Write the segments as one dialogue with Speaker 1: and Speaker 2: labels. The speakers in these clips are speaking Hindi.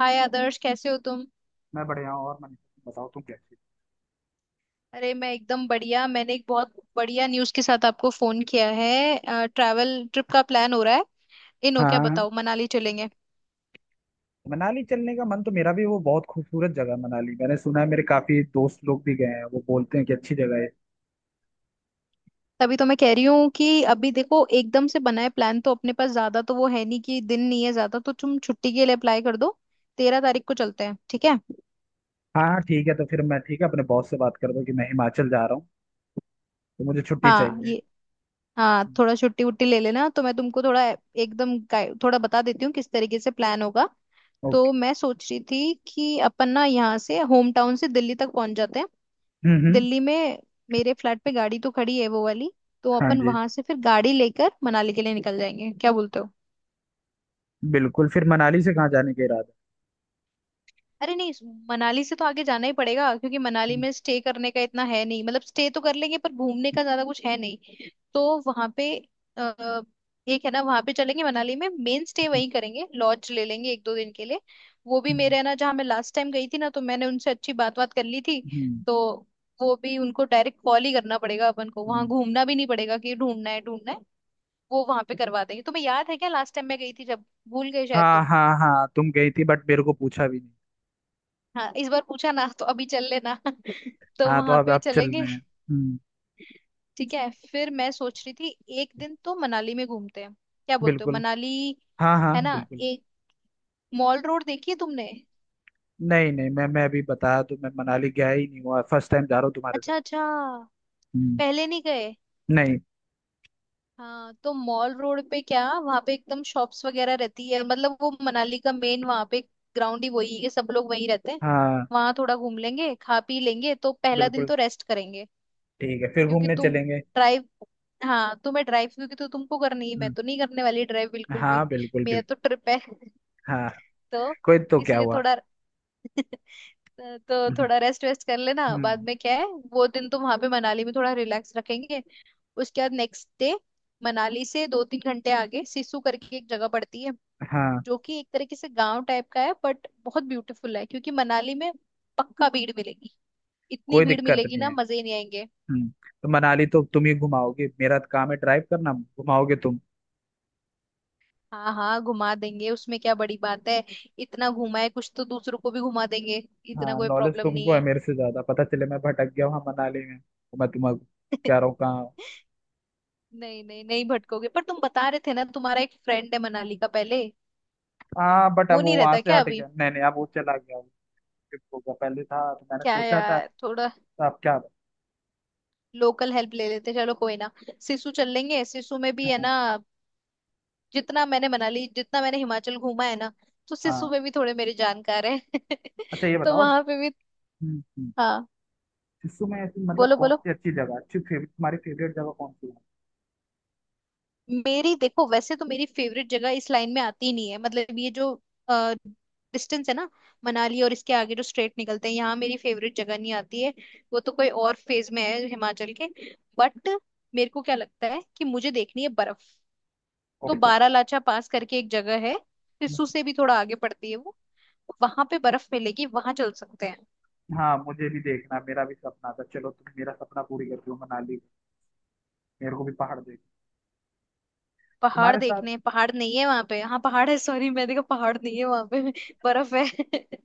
Speaker 1: हाय आदर्श, कैसे हो तुम?
Speaker 2: मैं बढ़िया हूँ। और मन बताओ, तुम कैसे?
Speaker 1: अरे, मैं एकदम बढ़िया। मैंने एक बहुत बढ़िया न्यूज़ के साथ आपको फोन किया है। ट्रैवल ट्रिप का प्लान हो रहा है। इन हो, क्या
Speaker 2: हाँ,
Speaker 1: बताओ, मनाली चलेंगे।
Speaker 2: मनाली चलने का मन तो मेरा भी, वो बहुत खूबसूरत जगह है मनाली, मैंने सुना है। मेरे काफी दोस्त लोग भी गए हैं, वो बोलते हैं कि अच्छी जगह है।
Speaker 1: तभी तो मैं कह रही हूँ कि अभी देखो, एकदम से बनाए प्लान तो अपने पास ज्यादा तो वो है नहीं कि दिन नहीं है ज्यादा, तो तुम छुट्टी के लिए अप्लाई कर दो। 13 तारीख को चलते हैं, ठीक है।
Speaker 2: हाँ हाँ ठीक है। तो फिर मैं ठीक है अपने बॉस से बात कर दूँ कि मैं हिमाचल जा रहा हूँ तो मुझे छुट्टी
Speaker 1: हाँ,
Speaker 2: चाहिए।
Speaker 1: ये हाँ, थोड़ा छुट्टी वुट्टी ले लेना तो मैं तुमको थोड़ा एकदम थोड़ा बता देती हूँ किस तरीके से प्लान होगा। तो
Speaker 2: ओके।
Speaker 1: मैं सोच रही थी कि अपन ना यहाँ से, होम टाउन से, दिल्ली तक पहुंच जाते हैं।
Speaker 2: हम्म। हम्म।
Speaker 1: दिल्ली में मेरे फ्लैट पे गाड़ी तो खड़ी है, वो वाली। तो
Speaker 2: हाँ
Speaker 1: अपन
Speaker 2: जी,
Speaker 1: वहां से फिर गाड़ी लेकर मनाली के लिए निकल जाएंगे, क्या बोलते हो?
Speaker 2: बिल्कुल। फिर मनाली से कहाँ जाने का इरादा है?
Speaker 1: अरे नहीं, मनाली से तो आगे जाना ही पड़ेगा, क्योंकि मनाली
Speaker 2: हम्म।
Speaker 1: में स्टे करने का इतना है नहीं, मतलब स्टे तो कर लेंगे पर घूमने का ज्यादा कुछ है नहीं। तो वहां पे अ, एक है ना, वहां पे चलेंगे, मनाली में मेन स्टे वहीं करेंगे, लॉज ले लेंगे एक दो दिन के लिए। वो भी
Speaker 2: हम्म।
Speaker 1: मेरे है ना, जहाँ मैं लास्ट टाइम गई थी ना, तो मैंने उनसे अच्छी बात बात कर ली थी।
Speaker 2: हम्म।
Speaker 1: तो वो भी उनको डायरेक्ट कॉल ही करना पड़ेगा, अपन को वहां
Speaker 2: हम्म।
Speaker 1: घूमना भी नहीं पड़ेगा कि ढूंढना है ढूंढना है। वो वहां पे करवा देंगे। तुम्हें याद है क्या, लास्ट टाइम मैं गई थी जब? भूल गए शायद
Speaker 2: हाँ
Speaker 1: तुम।
Speaker 2: हाँ हाँ, तुम गई थी, बट मेरे को पूछा भी नहीं।
Speaker 1: हाँ, इस बार पूछा ना, तो अभी चल लेना। तो
Speaker 2: हाँ तो
Speaker 1: वहां
Speaker 2: अब
Speaker 1: पे
Speaker 2: आप चल
Speaker 1: चलेंगे।
Speaker 2: रहे हैं। हम्म।
Speaker 1: ठीक है, फिर मैं सोच रही थी एक दिन तो मनाली में घूमते हैं, क्या बोलते हो?
Speaker 2: बिल्कुल।
Speaker 1: मनाली
Speaker 2: हाँ हाँ
Speaker 1: है ना,
Speaker 2: बिल्कुल।
Speaker 1: एक मॉल रोड, देखी है तुमने?
Speaker 2: नहीं नहीं, मैं अभी बताया तो, मैं मनाली गया ही नहीं हुआ। फर्स्ट टाइम जा रहा हूँ तुम्हारे साथ।
Speaker 1: अच्छा अच्छा,
Speaker 2: हम्म।
Speaker 1: पहले नहीं गए।
Speaker 2: नहीं।
Speaker 1: हाँ, तो मॉल रोड पे क्या, वहां पे एकदम शॉप्स वगैरह रहती है, मतलब वो मनाली का मेन वहां पे ग्राउंड ही वही है, सब लोग वहीं रहते हैं।
Speaker 2: हाँ।
Speaker 1: वहां थोड़ा घूम लेंगे, खा पी लेंगे, तो पहला दिन
Speaker 2: बिल्कुल।
Speaker 1: तो रेस्ट करेंगे।
Speaker 2: ठीक है, फिर
Speaker 1: क्योंकि
Speaker 2: घूमने
Speaker 1: तुम
Speaker 2: चलेंगे।
Speaker 1: ड्राइव, हाँ तुम्हें ड्राइव क्योंकि तो तुमको करनी है, मैं
Speaker 2: हम्म।
Speaker 1: तो नहीं करने वाली ड्राइव बिल्कुल भी।
Speaker 2: हाँ बिल्कुल
Speaker 1: मेरा
Speaker 2: बिल्कुल।
Speaker 1: तो ट्रिप है।
Speaker 2: हाँ।
Speaker 1: तो
Speaker 2: कोई तो क्या
Speaker 1: इसलिए
Speaker 2: हुआ।
Speaker 1: थोड़ा। तो
Speaker 2: हम्म।
Speaker 1: थोड़ा रेस्ट वेस्ट कर लेना, बाद
Speaker 2: हम्म।
Speaker 1: में क्या है। वो दिन तो वहां पे मनाली में थोड़ा रिलैक्स रखेंगे। उसके बाद नेक्स्ट डे, मनाली से 2 3 घंटे आगे सिसु करके एक जगह पड़ती है,
Speaker 2: हाँ।
Speaker 1: जो कि एक तरीके से गांव टाइप का है, बट बहुत ब्यूटीफुल है। क्योंकि मनाली में पक्का भीड़ मिलेगी, इतनी
Speaker 2: कोई
Speaker 1: भीड़
Speaker 2: दिक्कत
Speaker 1: मिलेगी
Speaker 2: नहीं
Speaker 1: ना,
Speaker 2: है।
Speaker 1: मजे ही नहीं आएंगे।
Speaker 2: हम्म। तो मनाली तो तुम ही घुमाओगे, मेरा तो काम है ड्राइव करना, घुमाओगे तुम।
Speaker 1: हाँ हाँ, घुमा देंगे, उसमें क्या बड़ी बात है। इतना घुमा है कुछ, तो दूसरों को भी घुमा देंगे, इतना
Speaker 2: हाँ,
Speaker 1: कोई
Speaker 2: नॉलेज
Speaker 1: प्रॉब्लम नहीं
Speaker 2: तुमको है
Speaker 1: है।
Speaker 2: मेरे से ज्यादा, पता चले मैं भटक गया वहाँ मनाली में, तो मैं तुम्हें कह रहा हूँ कहाँ हूँ।
Speaker 1: नहीं नहीं नहीं भटकोगे, पर तुम बता रहे थे ना तुम्हारा एक फ्रेंड है मनाली का पहले।
Speaker 2: हाँ बट अब
Speaker 1: वो
Speaker 2: वो
Speaker 1: नहीं
Speaker 2: वहां
Speaker 1: रहता
Speaker 2: से
Speaker 1: क्या
Speaker 2: हट
Speaker 1: अभी?
Speaker 2: गया, नहीं नहीं, अब वो चला गया, वो skip हो गया। पहले था तो मैंने
Speaker 1: क्या
Speaker 2: सोचा था।
Speaker 1: यार, थोड़ा
Speaker 2: तो आप क्या।
Speaker 1: लोकल हेल्प ले लेते, चलो कोई ना। सिसु चल लेंगे, सिसु में भी है
Speaker 2: हाँ
Speaker 1: ना, जितना मैंने हिमाचल घूमा है ना, तो
Speaker 2: हाँ।
Speaker 1: सिसु में भी थोड़े मेरे जानकार है।
Speaker 2: अच्छा ये
Speaker 1: तो
Speaker 2: बताओ।
Speaker 1: वहां पे भी
Speaker 2: हम्म। हम्म।
Speaker 1: हाँ।
Speaker 2: शिशु में ऐसी मतलब
Speaker 1: बोलो
Speaker 2: कौन
Speaker 1: बोलो।
Speaker 2: सी अच्छी जगह, अच्छी फेवरेट, तुम्हारी फेवरेट जगह कौन सी है?
Speaker 1: मेरी देखो, वैसे तो मेरी फेवरेट जगह इस लाइन में आती नहीं है, मतलब ये जो डिस्टेंस है ना, मनाली और इसके आगे जो स्ट्रेट निकलते हैं, यहाँ मेरी फेवरेट जगह नहीं आती है। वो तो कोई और फेज में है हिमाचल के। बट मेरे को क्या लगता है कि मुझे देखनी है बर्फ, तो
Speaker 2: ओप्पो।
Speaker 1: बारालाचा पास करके एक जगह है, सिस्सू से भी थोड़ा आगे पड़ती है वो। वहां पे बर्फ मिलेगी, वहां चल सकते हैं।
Speaker 2: हाँ, मुझे भी देखना, मेरा भी सपना था। चलो तुम मेरा सपना पूरी कर दो मनाली। मेरे को भी पहाड़ देख
Speaker 1: पहाड़
Speaker 2: तुम्हारे साथ।
Speaker 1: देखने, पहाड़ नहीं है वहां पे, हाँ पहाड़ है, सॉरी, मैंने कहा पहाड़ नहीं है वहां पे, बर्फ है।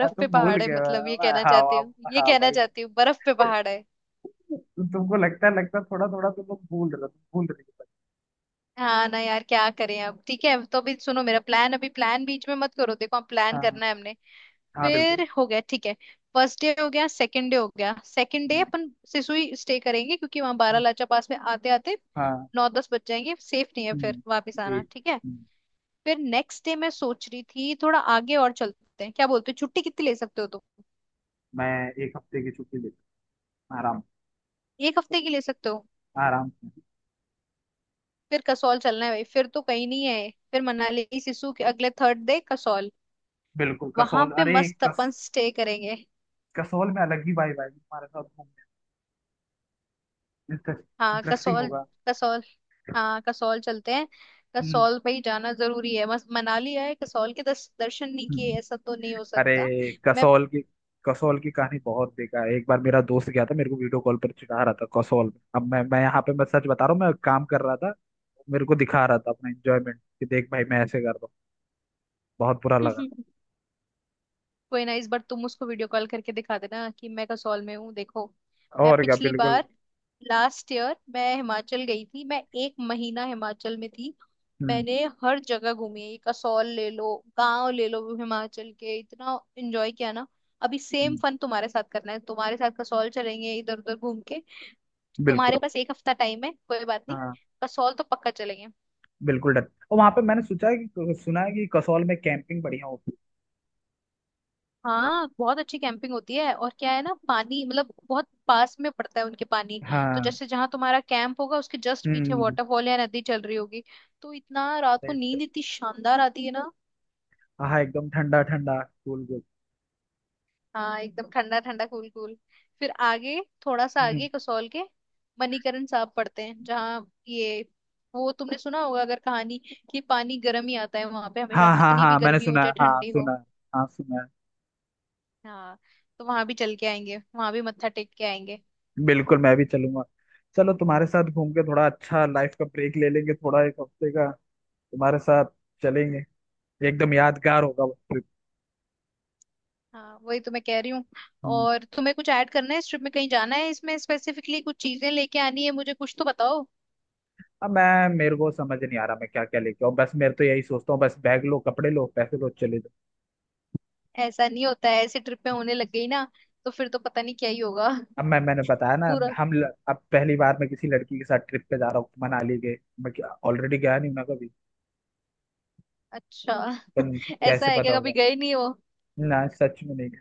Speaker 2: हाँ, तुम
Speaker 1: पे
Speaker 2: भूल
Speaker 1: पहाड़ है,
Speaker 2: गए
Speaker 1: मतलब
Speaker 2: हो।
Speaker 1: ये
Speaker 2: हाँ
Speaker 1: कहना चाहती हूँ,
Speaker 2: हाँ।
Speaker 1: ये
Speaker 2: हाँ
Speaker 1: कहना
Speaker 2: भाई।
Speaker 1: चाहती हूँ बर्फ पे पहाड़ है।
Speaker 2: तुमको लगता है, लगता है थोड़ा थोड़ा, तुम लोग भूल रहे हो, तुम भूल रही हो।
Speaker 1: हाँ ना यार, क्या करें अब, ठीक है। तो अभी सुनो मेरा प्लान, अभी प्लान बीच में मत करो, देखो हम प्लान
Speaker 2: हाँ
Speaker 1: करना है हमने।
Speaker 2: हाँ बिल्कुल।
Speaker 1: फिर हो गया, ठीक है। फर्स्ट डे हो गया, सेकंड डे हो गया, सेकंड डे
Speaker 2: हम्म।
Speaker 1: अपन सिसुई स्टे करेंगे, क्योंकि वहां
Speaker 2: हम्म।
Speaker 1: बारालाचा पास में आते आते
Speaker 2: हाँ।
Speaker 1: 9 10 बज जाएंगे, सेफ नहीं है फिर
Speaker 2: हम्म।
Speaker 1: वापस आना,
Speaker 2: एक।
Speaker 1: ठीक है।
Speaker 2: हम्म।
Speaker 1: फिर नेक्स्ट डे मैं सोच रही थी थोड़ा आगे और चलते हैं, क्या बोलते हो? छुट्टी कितनी ले सकते हो तुम?
Speaker 2: मैं एक हफ्ते की छुट्टी लेता हूँ, आराम
Speaker 1: एक हफ्ते की ले सकते हो?
Speaker 2: आराम से।
Speaker 1: फिर कसौल चलना है भाई, फिर तो कहीं नहीं है, फिर मनाली सिसु के अगले थर्ड डे कसौल।
Speaker 2: बिल्कुल
Speaker 1: वहां
Speaker 2: कसौल,
Speaker 1: पे
Speaker 2: अरे
Speaker 1: मस्त
Speaker 2: कस
Speaker 1: अपन स्टे करेंगे।
Speaker 2: कसौल में अलग ही वाइब आएगी तुम्हारे साथ घूमने,
Speaker 1: हाँ
Speaker 2: इंटरेस्टिंग
Speaker 1: कसौल,
Speaker 2: होगा।
Speaker 1: कसौल, हाँ कसौल चलते हैं।
Speaker 2: हम्म।
Speaker 1: कसौल भाई जाना जरूरी है, मस्त। मनाली आए, कसौल के दर्शन नहीं
Speaker 2: हम्म।
Speaker 1: किए, ऐसा तो नहीं हो
Speaker 2: अरे
Speaker 1: सकता। मैं।
Speaker 2: कसौल की, कसौल की कहानी बहुत बेकार है। एक बार मेरा दोस्त गया था, मेरे को वीडियो कॉल पर चिढ़ा रहा था कसौल में। अब मैं यहाँ पे, मैं सच बता रहा हूँ, मैं काम कर रहा था, मेरे को दिखा रहा था अपना एंजॉयमेंट कि देख भाई मैं ऐसे कर रहा हूँ। बहुत बुरा लगा।
Speaker 1: कोई ना, इस बार तुम उसको वीडियो कॉल करके दिखा देना कि मैं कसौल में हूँ देखो। मैं
Speaker 2: और क्या,
Speaker 1: पिछली
Speaker 2: बिल्कुल।
Speaker 1: बार, लास्ट ईयर मैं हिमाचल गई थी, मैं एक महीना हिमाचल में थी।
Speaker 2: हम्म।
Speaker 1: मैंने हर जगह घूमी है, ये कसौल ले लो, गांव ले लो हिमाचल के, इतना एंजॉय किया ना। अभी सेम
Speaker 2: हम्म।
Speaker 1: फन तुम्हारे साथ करना है, तुम्हारे साथ कसौल चलेंगे, इधर उधर घूम के।
Speaker 2: बिल्कुल।
Speaker 1: तुम्हारे
Speaker 2: तो
Speaker 1: पास एक हफ्ता टाइम है, कोई बात नहीं,
Speaker 2: हाँ
Speaker 1: कसौल तो पक्का चलेंगे।
Speaker 2: बिल्कुल डर। और वहां पे मैंने सोचा है कि सुना है कि कसौल में कैंपिंग बढ़िया होती
Speaker 1: हाँ, बहुत अच्छी कैंपिंग होती है, और क्या है ना, पानी मतलब बहुत पास में पड़ता है उनके, पानी
Speaker 2: है।
Speaker 1: तो
Speaker 2: हाँ।
Speaker 1: जैसे जहाँ तुम्हारा कैंप होगा उसके जस्ट पीछे
Speaker 2: हम्म।
Speaker 1: वाटरफॉल या नदी चल रही होगी, तो इतना रात को
Speaker 2: अरे च-
Speaker 1: नींद इतनी शानदार आती है ना।
Speaker 2: हाँ, एकदम ठंडा ठंडा कूल।
Speaker 1: हाँ एकदम ठंडा ठंडा कूल कूल। फिर आगे, थोड़ा सा
Speaker 2: हम्म।
Speaker 1: आगे कसौल के मणिकरण साहब पड़ते हैं, जहाँ ये, वो तुमने सुना होगा अगर कहानी कि पानी गर्म ही आता है वहां पे हमेशा,
Speaker 2: हाँ हाँ
Speaker 1: कितनी भी
Speaker 2: हाँ, मैंने
Speaker 1: गर्मी हो
Speaker 2: सुना है,
Speaker 1: चाहे
Speaker 2: हाँ
Speaker 1: ठंडी
Speaker 2: सुना
Speaker 1: हो।
Speaker 2: है। हाँ सुना है।
Speaker 1: हाँ, तो वहां भी चल के आएंगे, वहां भी मत्था टेक के आएंगे।
Speaker 2: बिल्कुल, मैं भी चलूंगा। चलो तुम्हारे साथ घूम के थोड़ा अच्छा, लाइफ का ब्रेक ले लेंगे थोड़ा एक हफ्ते का, तुम्हारे साथ चलेंगे। एकदम यादगार होगा वो ट्रिप।
Speaker 1: हाँ वही तो मैं कह रही हूँ।
Speaker 2: हम्म।
Speaker 1: और तुम्हें कुछ ऐड करना है इस ट्रिप में, कहीं जाना है, इसमें स्पेसिफिकली कुछ चीजें लेके आनी है मुझे, कुछ तो बताओ।
Speaker 2: अब मैं, मेरे को समझ नहीं आ रहा मैं क्या क्या लेके आऊँ। बस मेरे तो, यही सोचता हूँ बस, बैग लो कपड़े लो पैसे लो चले जाओ।
Speaker 1: ऐसा नहीं होता है, ऐसे ट्रिप में होने लग गई ना, तो फिर तो पता नहीं क्या ही होगा।
Speaker 2: अब मैं, मैंने बताया ना,
Speaker 1: पूरा,
Speaker 2: अब पहली बार मैं किसी लड़की के साथ ट्रिप पे जा रहा हूँ। मनाली गए, मैं ऑलरेडी गया नहीं हूं ना कभी,
Speaker 1: अच्छा।
Speaker 2: पर कैसे
Speaker 1: ऐसा है
Speaker 2: पता
Speaker 1: क्या, कभी
Speaker 2: होगा
Speaker 1: गए नहीं हो?
Speaker 2: ना, सच में नहीं गया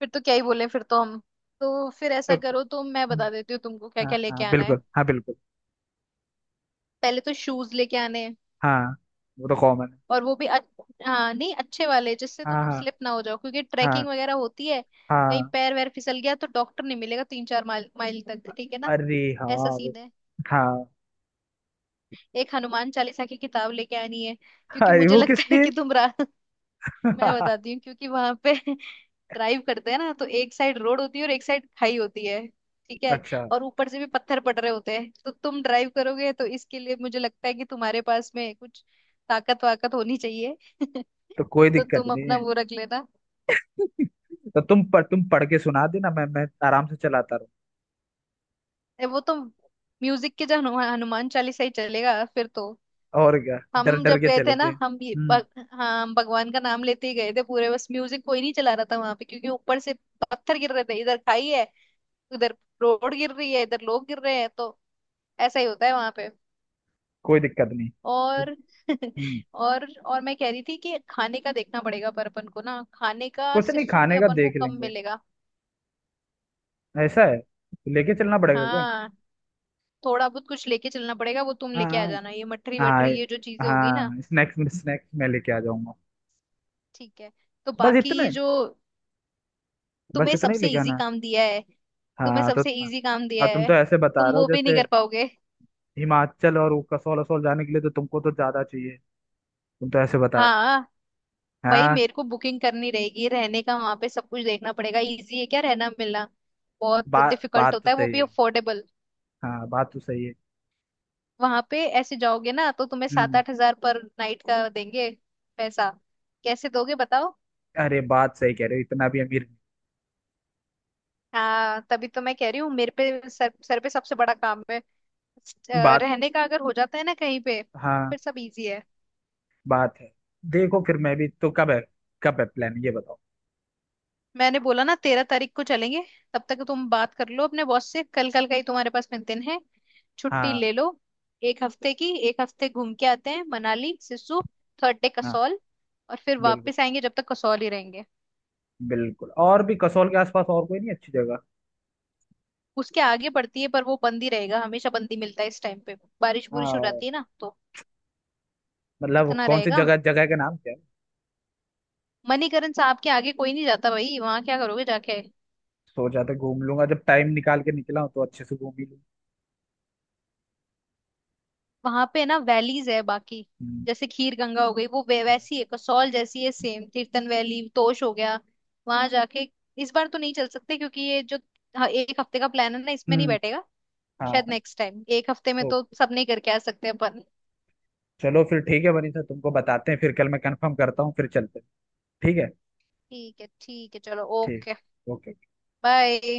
Speaker 1: फिर तो क्या ही बोले, फिर तो हम। तो फिर ऐसा करो, तो मैं
Speaker 2: तो।
Speaker 1: बता देती हूँ तुमको क्या
Speaker 2: हाँ
Speaker 1: क्या लेके
Speaker 2: हाँ
Speaker 1: आना है।
Speaker 2: बिल्कुल, हाँ बिल्कुल।
Speaker 1: पहले तो शूज लेके आने हैं,
Speaker 2: हाँ, वो तो कॉमन है।
Speaker 1: और वो भी हाँ नहीं, अच्छे वाले जिससे
Speaker 2: हाँ।
Speaker 1: तुम
Speaker 2: हाँ।
Speaker 1: स्लिप ना हो जाओ, क्योंकि
Speaker 2: हाँ।
Speaker 1: ट्रैकिंग वगैरह होती है। कहीं
Speaker 2: हाँ
Speaker 1: पैर वैर फिसल गया तो डॉक्टर नहीं मिलेगा 3 4 माइल माइल तक, ठीक है ना।
Speaker 2: अरे हाँ।
Speaker 1: ऐसा
Speaker 2: वे-
Speaker 1: सीन है।
Speaker 2: हाँ।
Speaker 1: एक हनुमान चालीसा की किताब लेके आनी है, क्योंकि
Speaker 2: अरे
Speaker 1: मुझे
Speaker 2: वो किस
Speaker 1: लगता है
Speaker 2: लिए?
Speaker 1: कि तुम रा मैं बताती हूँ, क्योंकि वहां पे ड्राइव करते हैं ना तो एक साइड रोड होती है और एक साइड खाई होती है, ठीक है।
Speaker 2: अच्छा।
Speaker 1: और ऊपर से भी पत्थर पड़ रहे होते हैं, तो तुम ड्राइव करोगे तो इसके लिए मुझे लगता है कि तुम्हारे पास में कुछ ताकत वाकत होनी चाहिए।
Speaker 2: तो कोई
Speaker 1: तो
Speaker 2: दिक्कत
Speaker 1: तुम
Speaker 2: नहीं
Speaker 1: अपना
Speaker 2: है।
Speaker 1: वो रख लेना।
Speaker 2: तो तुम पर, तुम पढ़ के सुना देना, मैं आराम से चलाता रहूँ।
Speaker 1: ए, वो तो म्यूजिक के जो हनुमान चालीसा ही चलेगा फिर तो।
Speaker 2: और क्या, डर
Speaker 1: हम
Speaker 2: डर
Speaker 1: जब
Speaker 2: के
Speaker 1: गए थे ना,
Speaker 2: चलेंगे।
Speaker 1: हम ये
Speaker 2: हम्म।
Speaker 1: हाँ, हम भगवान का नाम लेते ही गए थे पूरे, बस म्यूजिक कोई नहीं चला रहा था वहां पे, क्योंकि ऊपर से पत्थर गिर रहे थे, इधर खाई है, उधर रोड गिर रही है, इधर लोग गिर रहे हैं, तो ऐसा ही होता है वहां पे।
Speaker 2: कोई दिक्कत नहीं।
Speaker 1: और
Speaker 2: हम्म।
Speaker 1: और मैं कह रही थी कि खाने का देखना पड़ेगा, पर अपन को ना खाने का
Speaker 2: कुछ नहीं,
Speaker 1: सिस्सू में
Speaker 2: खाने का
Speaker 1: अपन को
Speaker 2: देख
Speaker 1: कम
Speaker 2: लेंगे।
Speaker 1: मिलेगा।
Speaker 2: ऐसा है, लेके चलना पड़ेगा क्या?
Speaker 1: हाँ, थोड़ा बहुत कुछ लेके चलना पड़ेगा, वो तुम
Speaker 2: हाँ
Speaker 1: लेके आ जाना, ये मठरी
Speaker 2: हाँ।
Speaker 1: वठरी ये जो
Speaker 2: हाँ
Speaker 1: चीजें होगी ना।
Speaker 2: हाँ, स्नैक्स में, स्नैक्स मैं लेके आ जाऊंगा।
Speaker 1: ठीक है। तो
Speaker 2: बस
Speaker 1: बाकी ये
Speaker 2: इतने,
Speaker 1: जो,
Speaker 2: बस
Speaker 1: तुम्हें
Speaker 2: इतना ही
Speaker 1: सबसे
Speaker 2: लेके
Speaker 1: इजी
Speaker 2: आना है।
Speaker 1: काम दिया है, तुम्हें
Speaker 2: हाँ तो
Speaker 1: सबसे इजी काम दिया
Speaker 2: अब तुम
Speaker 1: है,
Speaker 2: तो ऐसे बता
Speaker 1: तुम
Speaker 2: रहे हो
Speaker 1: वो भी नहीं
Speaker 2: जैसे
Speaker 1: कर पाओगे।
Speaker 2: हिमाचल और वो कसौल असौल जाने के लिए तो तुमको तो ज्यादा चाहिए। तुम तो ऐसे बता
Speaker 1: हाँ
Speaker 2: रहे हो।
Speaker 1: भाई,
Speaker 2: हाँ।
Speaker 1: मेरे को बुकिंग करनी रहेगी रहने का, वहां पे सब कुछ देखना पड़ेगा, इजी है क्या रहना मिलना, बहुत
Speaker 2: बात,
Speaker 1: डिफिकल्ट
Speaker 2: बात तो
Speaker 1: होता है, वो
Speaker 2: सही
Speaker 1: भी
Speaker 2: है।
Speaker 1: अफोर्डेबल।
Speaker 2: हाँ, बात तो सही है।
Speaker 1: वहां पे ऐसे जाओगे ना तो तुम्हें सात
Speaker 2: हम्म।
Speaker 1: आठ हजार पर नाइट का देंगे, पैसा कैसे दोगे बताओ?
Speaker 2: अरे, बात सही कह रहे हो, इतना भी अमीर
Speaker 1: हाँ तभी तो मैं कह रही हूँ, मेरे पे सर सर पे सबसे बड़ा काम है। अ,
Speaker 2: नहीं। बात,
Speaker 1: रहने का अगर हो जाता है ना कहीं पे, तो
Speaker 2: हाँ
Speaker 1: फिर सब इजी है।
Speaker 2: बात है। देखो फिर मैं भी तो, कब है, कब है प्लान ये बताओ।
Speaker 1: मैंने बोला ना, 13 तारीख को चलेंगे। तब तक तुम बात कर लो अपने बॉस से, कल, कल का ही तुम्हारे पास में दिन है, छुट्टी
Speaker 2: हाँ
Speaker 1: ले लो एक हफ्ते की। एक हफ्ते घूम के आते हैं, मनाली सिसु, थर्ड डे
Speaker 2: हाँ
Speaker 1: कसौल, और फिर
Speaker 2: बिल्कुल
Speaker 1: वापस आएंगे, जब तक कसौल ही रहेंगे।
Speaker 2: बिल्कुल। और भी कसौल के आसपास और कोई नहीं अच्छी जगह?
Speaker 1: उसके आगे पड़ती है, पर वो बंद ही रहेगा, हमेशा बंद ही मिलता है इस टाइम पे, बारिश बुरिश हो
Speaker 2: हाँ।
Speaker 1: जाती है ना, तो
Speaker 2: मतलब
Speaker 1: इतना
Speaker 2: कौन सी
Speaker 1: रहेगा।
Speaker 2: जगह, जगह का नाम क्या है?
Speaker 1: मणिकरण साहब के आगे कोई नहीं जाता भाई, वहां क्या करोगे जाके।
Speaker 2: सोचा तो घूम लूंगा, जब टाइम निकाल के निकला हूं तो अच्छे से घूम ही लूँ।
Speaker 1: वहां पे ना वैलीज है बाकी,
Speaker 2: हम्म।
Speaker 1: जैसे खीर गंगा हो गई वो
Speaker 2: हाँ।
Speaker 1: वैसी है, कसौल जैसी है सेम, तीर्थन वैली तोश हो गया। वहां जाके इस बार तो नहीं चल सकते, क्योंकि ये जो एक हफ्ते का प्लान है ना, इसमें नहीं
Speaker 2: हम्म।
Speaker 1: बैठेगा।
Speaker 2: हाँ
Speaker 1: शायद
Speaker 2: हाँ।
Speaker 1: नेक्स्ट टाइम, एक हफ्ते में तो
Speaker 2: ओके।
Speaker 1: सब नहीं करके आ सकते अपन।
Speaker 2: चलो फिर ठीक है, बनी सर तुमको बताते हैं फिर, कल मैं कंफर्म करता हूँ फिर चलते हैं। ठीक है।
Speaker 1: ठीक है, ठीक है, चलो
Speaker 2: ठीक।
Speaker 1: Okay,
Speaker 2: okay.
Speaker 1: बाय।